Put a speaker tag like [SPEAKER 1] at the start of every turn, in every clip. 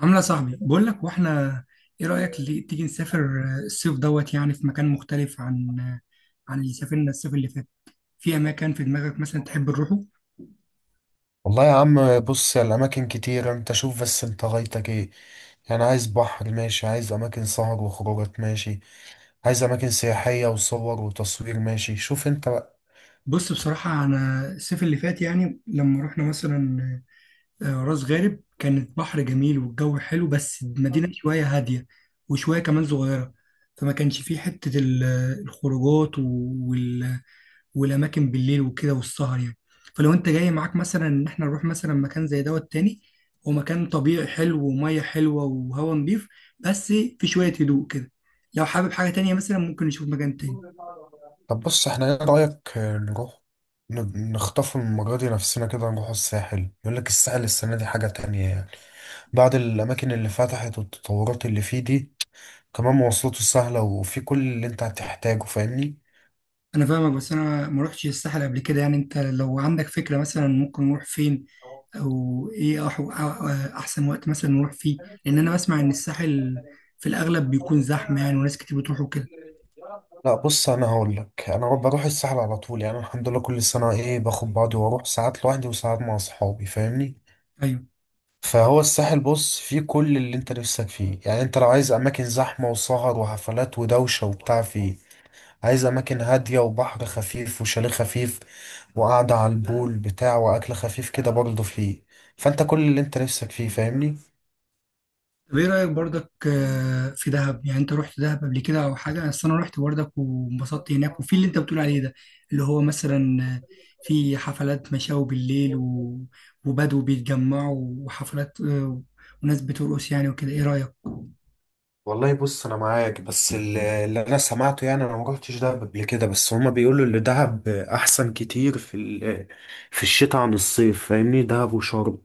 [SPEAKER 1] عاملة صاحبي بقول لك واحنا، ايه رأيك اللي تيجي نسافر الصيف دوت يعني في مكان مختلف عن اللي سافرنا الصيف اللي فات؟ في اماكن في دماغك مثلا تحب نروحه؟
[SPEAKER 2] والله يا عم، بص يا الأماكن كتير. أنت شوف، بس أنت غايتك إيه يعني؟ عايز بحر؟ ماشي. عايز أماكن سهر وخروجات؟ ماشي. عايز أماكن سياحية وصور وتصوير؟ ماشي. شوف أنت بقى.
[SPEAKER 1] بص، بصراحة انا الصيف اللي فات يعني لما رحنا مثلا راس غارب، كانت بحر جميل والجو حلو، بس المدينة شوية هادية وشوية كمان صغيرة، فما كانش فيه حتة الخروجات والاماكن بالليل وكده والسهر يعني. فلو انت جاي معاك مثلا ان احنا نروح مثلا مكان زي دوت تاني، هو مكان طبيعي حلو وميه حلوه وهوا نضيف، بس في شويه هدوء كده. لو حابب حاجه تانية مثلا ممكن نشوف مكان تاني.
[SPEAKER 2] طب بص، إحنا إيه رأيك نروح نخطف المرة دي نفسنا كده، نروح الساحل. يقول لك الساحل السنة دي حاجة تانية يعني، بعد الأماكن اللي فتحت والتطورات اللي فيه دي. كمان مواصلاته سهلة وفي كل اللي أنت هتحتاجه، فاهمني؟
[SPEAKER 1] انا فاهمك، بس انا ما رحتش الساحل قبل كده يعني، انت لو عندك فكره مثلا ممكن نروح فين؟ او ايه احسن وقت مثلا نروح فيه، لان انا بسمع ان الساحل في الاغلب بيكون زحمه يعني، وناس كتير بتروح وكده.
[SPEAKER 2] لا بص، انا هقول لك، انا بروح الساحل على طول يعني. الحمد لله كل سنه ايه باخد بعضي واروح، ساعات لوحدي وساعات مع اصحابي، فاهمني؟
[SPEAKER 1] ايوه.
[SPEAKER 2] فهو الساحل بص فيه كل اللي انت نفسك فيه. يعني انت لو عايز اماكن زحمه وسهر وحفلات ودوشه وبتاع فيه. عايز اماكن هاديه وبحر خفيف وشاليه خفيف وقعده على البول بتاع واكل خفيف كده برضه فيه. فانت كل اللي انت نفسك فيه، فاهمني؟
[SPEAKER 1] طب ايه رأيك برضك في دهب؟ يعني انت رحت دهب قبل كده او حاجة؟ اصل انا رحت برضك وانبسطت هناك، وفي اللي انت بتقول عليه ده، اللي هو مثلا في حفلات مشاوي بالليل وبدو بيتجمعوا، وحفلات وناس بترقص يعني وكده، ايه رأيك؟
[SPEAKER 2] والله بص انا معاك، بس اللي انا سمعته يعني، انا ما رحتش دهب قبل كده، بس هما بيقولوا ان دهب احسن كتير في في الشتاء عن الصيف، فاهمني؟ دهب وشرم.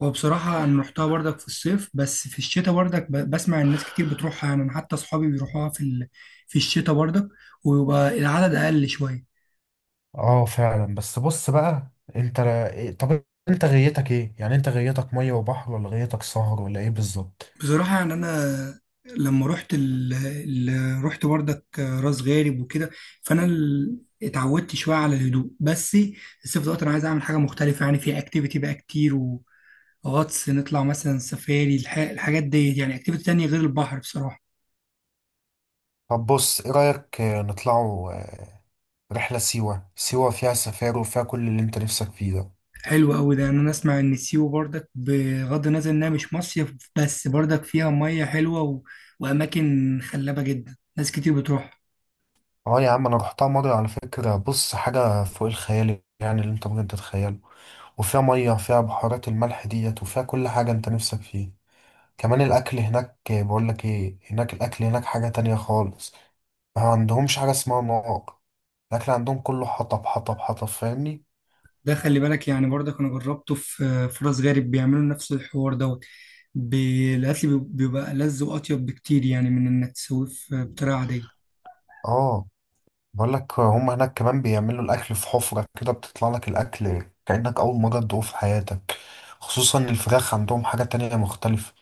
[SPEAKER 1] وبصراحة انا رحتها برضك في الصيف، بس في الشتاء برضك بسمع الناس كتير بتروحها يعني، انا حتى اصحابي بيروحوها في في الشتاء برضك، ويبقى العدد اقل شوية.
[SPEAKER 2] اه فعلا. بس بص بقى انت، طب انت غيتك ايه؟ يعني انت غيتك ميه وبحر، ولا غيتك سهر، ولا ايه بالظبط؟
[SPEAKER 1] بصراحة يعني أنا لما رحت بردك راس غارب وكده، فأنا اتعودت شوية على الهدوء. بس الصيف دوت أنا عايز أعمل حاجة مختلفة، يعني في أكتيفيتي بقى كتير، وغطس، نطلع مثلا سفاري، الحاجات دي يعني، أكتيفيتي تانية غير البحر بصراحة.
[SPEAKER 2] طب بص، ايه رأيك نطلعوا رحلة سيوة؟ سيوة فيها سفاري وفيها كل اللي انت نفسك فيه ده.
[SPEAKER 1] حلو أوي ده، يعني أنا أسمع إن سيوة بردك، بغض النظر إنها مش مصيف، بس بردك فيها مية حلوة وأماكن خلابة جدا، ناس كتير بتروح.
[SPEAKER 2] اه يا عم، انا رحتها مره على فكره. بص، حاجه فوق الخيال يعني، اللي انت ممكن تتخيله. وفيها ميه، فيها بحارات الملح ديت، وفيها كل حاجه انت نفسك فيه. كمان الاكل هناك، بقول لك ايه، هناك الاكل هناك حاجه تانية خالص. ما عندهمش حاجه اسمها نار. الاكل عندهم كله حطب حطب حطب، فاهمني؟
[SPEAKER 1] ده خلي بالك يعني، برضك انا جربته في راس غارب، بيعملوا نفس الحوار دوت. الاكل بيبقى لذ واطيب بكتير يعني، من انك تسويه في بطريقه عاديه.
[SPEAKER 2] اه، بقول لك هم هناك كمان بيعملوا الاكل في حفره كده، بتطلع لك الاكل كانك اول مره تدوقه في حياتك. خصوصا الفراخ، عندهم حاجه تانية مختلفه.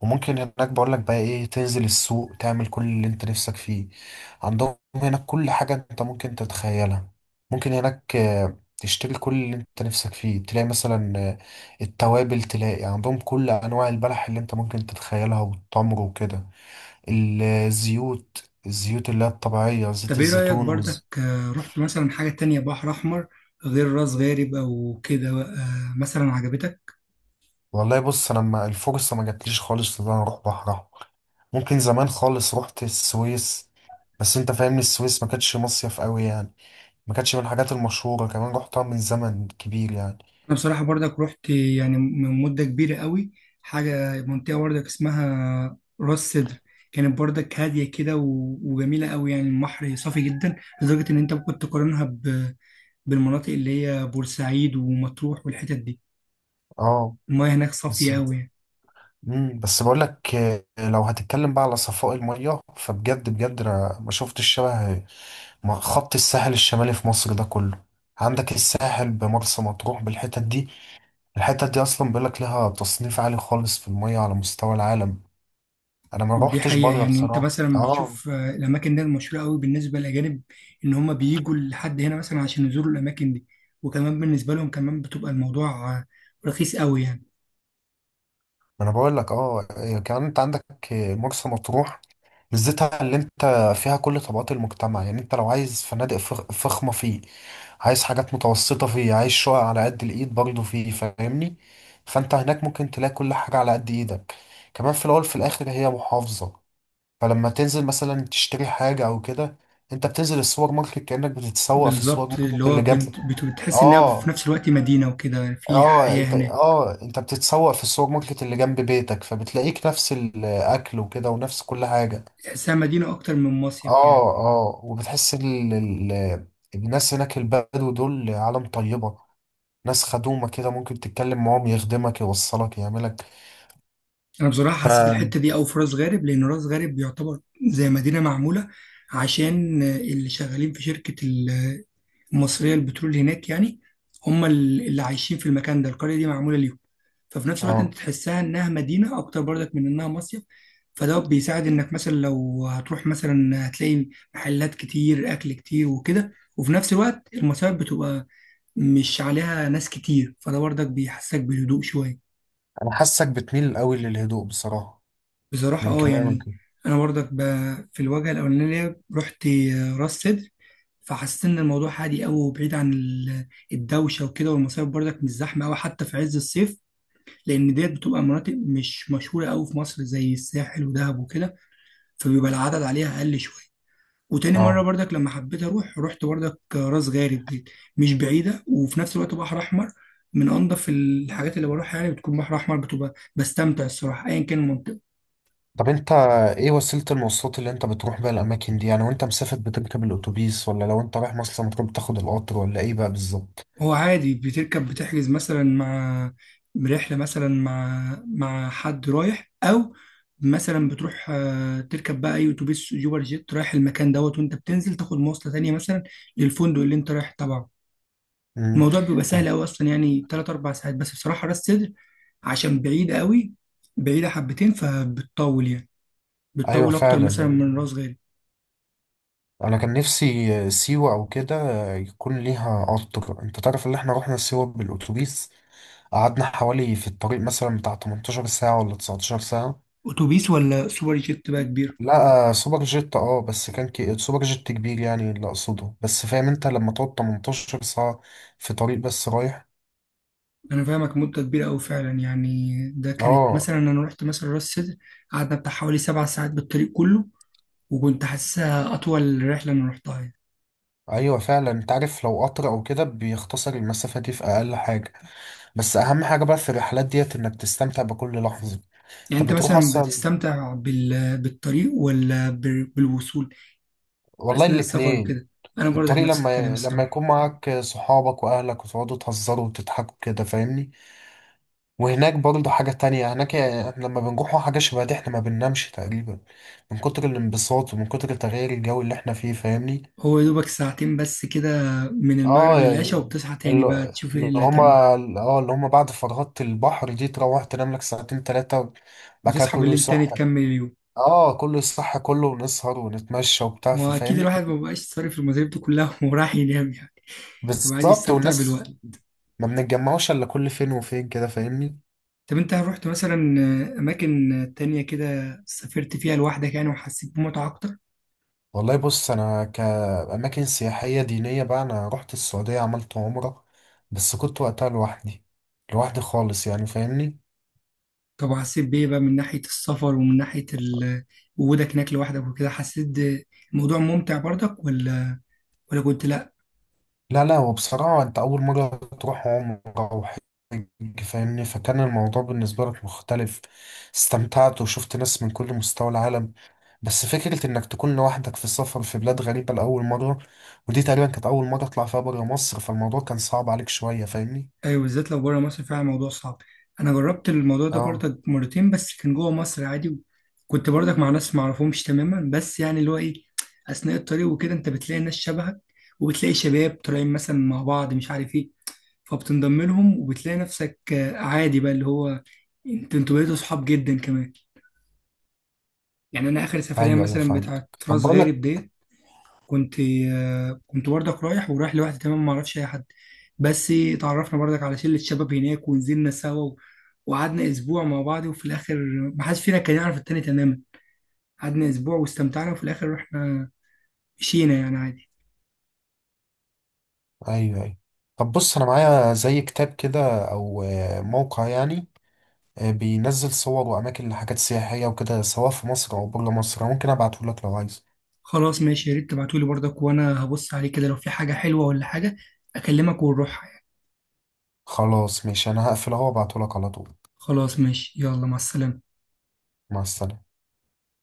[SPEAKER 2] وممكن هناك بقول لك بقى ايه، تنزل السوق تعمل كل اللي انت نفسك فيه. عندهم هناك كل حاجة انت ممكن تتخيلها. ممكن هناك تشتري كل اللي انت نفسك فيه. تلاقي مثلا التوابل، تلاقي عندهم كل انواع البلح اللي انت ممكن تتخيلها والتمر وكده. الزيوت، الزيوت اللي هي الطبيعية، زيت
[SPEAKER 1] طب ايه رايك
[SPEAKER 2] الزيتون
[SPEAKER 1] برضك رحت مثلا حاجه تانية بحر احمر غير راس غارب او كده مثلا، عجبتك؟
[SPEAKER 2] والله بص، انا ما الفرصة ما جاتليش خالص ان انا اروح بحر احمر. ممكن زمان خالص رحت السويس، بس انت فاهمني السويس ما كانتش مصيف قوي يعني. ما كانتش من الحاجات المشهورة، كمان رحتها من زمن كبير يعني.
[SPEAKER 1] انا بصراحه برضك رحت يعني من مده كبيره قوي، حاجه منطقه برضك اسمها راس سدر، كانت برضك هاديه كده وجميله قوي يعني، البحر صافي جدا لدرجه ان انت ممكن تقارنها بالمناطق اللي هي بورسعيد ومطروح والحتت دي.
[SPEAKER 2] اه.
[SPEAKER 1] المياه هناك
[SPEAKER 2] بس
[SPEAKER 1] صافية قوي يعني.
[SPEAKER 2] بس بقول لك لو هتتكلم بقى على صفاء المية، فبجد بجد انا ما شفتش الشبه مع خط الساحل الشمالي في مصر ده كله. عندك الساحل بمرسى مطروح بالحتت دي، الحتت دي اصلا بيقول لك لها تصنيف عالي خالص في المية على مستوى العالم. انا ما
[SPEAKER 1] دي
[SPEAKER 2] روحتش
[SPEAKER 1] حقيقة
[SPEAKER 2] بره
[SPEAKER 1] يعني، انت
[SPEAKER 2] بصراحة.
[SPEAKER 1] مثلا
[SPEAKER 2] اه.
[SPEAKER 1] بتشوف الأماكن دي مشهورة قوي بالنسبة للأجانب، إن هما بييجوا لحد هنا مثلا عشان يزوروا الأماكن دي، وكمان بالنسبة لهم كمان بتبقى الموضوع رخيص قوي يعني.
[SPEAKER 2] ما انا بقول لك اه، كمان انت عندك مرسى مطروح. ميزتها اللي انت فيها كل طبقات المجتمع. يعني انت لو عايز فنادق فخمة فيه. عايز حاجات متوسطة فيه، عايز شقق على قد الايد برضه فيه، فاهمني؟ فانت هناك ممكن تلاقي كل حاجة على قد ايدك. كمان في الاول في الاخر هي محافظة، فلما تنزل مثلا تشتري حاجة او كده، انت بتنزل السوبر ماركت كأنك بتتسوق في السوبر
[SPEAKER 1] بالظبط، اللي
[SPEAKER 2] ماركت
[SPEAKER 1] هو
[SPEAKER 2] اللي جنبك.
[SPEAKER 1] بتحس إنها في
[SPEAKER 2] اه.
[SPEAKER 1] نفس الوقت مدينة وكده، يعني في
[SPEAKER 2] اه
[SPEAKER 1] حياة
[SPEAKER 2] انت،
[SPEAKER 1] هناك.
[SPEAKER 2] انت بتتسوق في السوبر ماركت اللي جنب بيتك، فبتلاقيك نفس الاكل وكده ونفس كل حاجة.
[SPEAKER 1] تحسها مدينة أكتر من مصيف يعني.
[SPEAKER 2] اه. اه وبتحس الناس هناك البدو دول عالم طيبة، ناس خدومة كده، ممكن تتكلم معاهم يخدمك يوصلك يعملك.
[SPEAKER 1] أنا بصراحة
[SPEAKER 2] ف
[SPEAKER 1] حسيت الحتة دي أوي في راس غارب، لأن راس غارب يعتبر زي مدينة معمولة عشان اللي شغالين في شركة المصريه للبترول هناك يعني، هم اللي عايشين في المكان ده، القريه دي معموله ليهم. ففي نفس الوقت انت
[SPEAKER 2] اه.
[SPEAKER 1] تحسها انها مدينه اكتر برضك من انها مصيف. فده بيساعد انك مثلا لو هتروح مثلا هتلاقي محلات كتير، اكل كتير وكده، وفي نفس الوقت المصايف بتبقى مش عليها ناس كتير، فده برضك بيحسسك بالهدوء شويه.
[SPEAKER 2] انا حاسك بتميل قوي للهدوء بصراحة
[SPEAKER 1] بصراحة
[SPEAKER 2] من
[SPEAKER 1] اه
[SPEAKER 2] كلامك.
[SPEAKER 1] يعني. أنا برضك في الوجهة الأولانية رحت راس سدر، فحسيت إن الموضوع هادي أوي وبعيد عن الدوشة وكده، والمصايف برضك مش زحمة أوي حتى في عز الصيف، لأن ديت بتبقى مناطق مش مشهورة أوي في مصر زي الساحل ودهب وكده، فبيبقى العدد عليها أقل شوية. وتاني مرة
[SPEAKER 2] اه.
[SPEAKER 1] برضك لما حبيت أروح رحت برضك راس غارب ديت، مش بعيدة وفي نفس الوقت بحر أحمر من أنضف الحاجات اللي بروحها يعني. بتكون بحر أحمر، بتبقى بستمتع الصراحة أيا كان المنطقة.
[SPEAKER 2] طب انت ايه وسيلة المواصلات اللي انت بتروح بيها الاماكن دي؟ يعني وانت مسافر بتركب الاتوبيس، ولا لو انت رايح مرسى مطروح بتاخد القطر، ولا ايه بقى بالظبط؟
[SPEAKER 1] هو عادي بتركب، بتحجز مثلا مع برحلة مثلا مع حد رايح، أو مثلا بتروح تركب بقى أي أتوبيس يوبر جيت رايح المكان دوت، وأنت بتنزل تاخد مواصلة تانية مثلا للفندق اللي أنت رايح تبعه.
[SPEAKER 2] امم
[SPEAKER 1] الموضوع بيبقى سهل أوي أصلا، يعني تلات أربع ساعات بس. بصراحة راس سدر عشان بعيدة أوي، بعيدة حبتين فبتطول يعني،
[SPEAKER 2] ايوه
[SPEAKER 1] بتطول أكتر مثلا
[SPEAKER 2] فعلا.
[SPEAKER 1] من راس غارب.
[SPEAKER 2] انا كان نفسي سيوة او كده يكون ليها قطر. انت تعرف ان احنا رحنا سيوة بالاتوبيس، قعدنا حوالي في الطريق مثلا بتاع 18 ساعة ولا 19 ساعة.
[SPEAKER 1] أتوبيس ولا سوبر جيت بقى كبير؟
[SPEAKER 2] لا، سوبر جيت. اه، بس كان سوبر جيت كبير يعني اللي اقصده، بس فاهم انت لما تقعد 18 ساعة في طريق بس رايح.
[SPEAKER 1] انا فاهمك، مده كبيره قوي فعلا يعني. ده كانت
[SPEAKER 2] اه.
[SPEAKER 1] مثلا انا رحت مثلا راس سدر، قعدنا بتاع حوالي سبع ساعات بالطريق كله، وكنت حاسسها اطول رحله انا رحتها يعني.
[SPEAKER 2] ايوه فعلا، انت عارف لو قطر او كده بيختصر المسافة دي في اقل حاجة. بس اهم حاجة بقى في الرحلات ديت انك تستمتع بكل لحظة.
[SPEAKER 1] يعني
[SPEAKER 2] انت
[SPEAKER 1] انت
[SPEAKER 2] بتروح
[SPEAKER 1] مثلا
[SPEAKER 2] اصلا.
[SPEAKER 1] بتستمتع بالطريق ولا بالوصول
[SPEAKER 2] والله
[SPEAKER 1] اثناء السفر
[SPEAKER 2] الاتنين.
[SPEAKER 1] وكده؟ انا برضك
[SPEAKER 2] الطريق
[SPEAKER 1] نفس الكلام
[SPEAKER 2] لما
[SPEAKER 1] الصراحه.
[SPEAKER 2] يكون معاك صحابك واهلك وتقعدوا تهزروا وتضحكوا كده، فاهمني؟ وهناك برضه حاجة تانية، هناك احنا لما بنروحوا حاجة شبه دي احنا ما بننامش تقريبا من كتر الانبساط ومن كتر تغيير الجو اللي احنا فيه، فاهمني؟
[SPEAKER 1] هو يا دوبك ساعتين بس كده من المغرب
[SPEAKER 2] اه
[SPEAKER 1] للعشاء،
[SPEAKER 2] يعني،
[SPEAKER 1] وبتصحى تاني
[SPEAKER 2] اللي
[SPEAKER 1] بقى تشوف ايه
[SPEAKER 2] اللي
[SPEAKER 1] اللي
[SPEAKER 2] هما
[SPEAKER 1] هتعمله.
[SPEAKER 2] اه اللي هما بعد فرهدة البحر دي تروح تنام لك ساعتين تلاتة. بعد كده
[SPEAKER 1] وتصحى
[SPEAKER 2] كله
[SPEAKER 1] بالليل
[SPEAKER 2] يصح.
[SPEAKER 1] تاني تكمل اليوم.
[SPEAKER 2] اه كله يصح كله، ونسهر ونتمشى وبتاع،
[SPEAKER 1] واكيد
[SPEAKER 2] فاهمني كده؟
[SPEAKER 1] الواحد ما بقاش صارف المصاريف دي كلها وراح ينام يعني، وقاعد
[SPEAKER 2] بالظبط.
[SPEAKER 1] يستمتع
[SPEAKER 2] والناس
[SPEAKER 1] بالوقت.
[SPEAKER 2] ما بنتجمعوش الا كل فين وفين كده، فاهمني؟
[SPEAKER 1] طب انت رحت مثلا اماكن تانية كده سافرت فيها لوحدك يعني، وحسيت بمتعة اكتر؟
[SPEAKER 2] والله بص، انا كاماكن سياحيه دينيه بقى، انا رحت السعوديه عملت عمره، بس كنت وقتها لوحدي، لوحدي خالص يعني، فاهمني؟
[SPEAKER 1] طب وحسيت بايه بقى من ناحية السفر ومن ناحية وجودك هناك لوحدك وكده؟ حسيت الموضوع ممتع برضك ولا كنت لا؟
[SPEAKER 2] لا لا، وبصراحه انت اول مره تروح عمره وحج، فاهمني؟ فكان الموضوع بالنسبه لك مختلف. استمتعت وشفت ناس من كل مستوى العالم. بس فكره انك تكون لوحدك في السفر في بلاد غريبه لاول مره، ودي تقريبا كانت اول مره اطلع فيها بره مصر، فالموضوع كان صعب عليك شويه، فاهمني؟
[SPEAKER 1] ايوه، بالذات لو بره مصر فعلا الموضوع صعب. انا جربت الموضوع ده
[SPEAKER 2] اه.
[SPEAKER 1] برضك مرتين، بس كان جوه مصر عادي. كنت برضك مع ناس ما اعرفهمش تماما، بس يعني اللي هو ايه، اثناء الطريق وكده انت بتلاقي ناس شبهك، وبتلاقي شباب طالعين مثلا مع بعض مش عارف ايه، فبتنضم لهم وبتلاقي نفسك عادي بقى، اللي هو انت انتوا بقيتوا صحاب جدا كمان يعني. انا اخر سفرية
[SPEAKER 2] ايوه ايوه،
[SPEAKER 1] مثلا
[SPEAKER 2] فهمت.
[SPEAKER 1] بتاعت
[SPEAKER 2] طب
[SPEAKER 1] راس
[SPEAKER 2] بقول لك،
[SPEAKER 1] غارب ديت كنت كنت برضك رايح، ورايح لوحدي تمام ما اعرفش اي حد، بس اتعرفنا برضك على شلة شباب هناك، ونزلنا سوا وقعدنا اسبوع مع بعض، وفي الاخر ما حدش فينا كان يعرف التاني تماما، قعدنا اسبوع واستمتعنا وفي الاخر رحنا، مشينا يعني عادي.
[SPEAKER 2] ايوه ايوه. طب بص، انا معايا زي كتاب كده او موقع يعني، بينزل صور واماكن لحاجات سياحيه وكده، سواء في مصر او بره مصر. ممكن ابعته لك لو عايز.
[SPEAKER 1] خلاص ماشي، يا ريت تبعتولي برضك وانا هبص عليه كده، لو في حاجة حلوة ولا حاجة اكلمك ونروح.
[SPEAKER 2] خلاص ماشي، انا هقفل اهو وابعته لك على طول.
[SPEAKER 1] خلاص ماشي، يلا مع السلامة.
[SPEAKER 2] مع السلامه.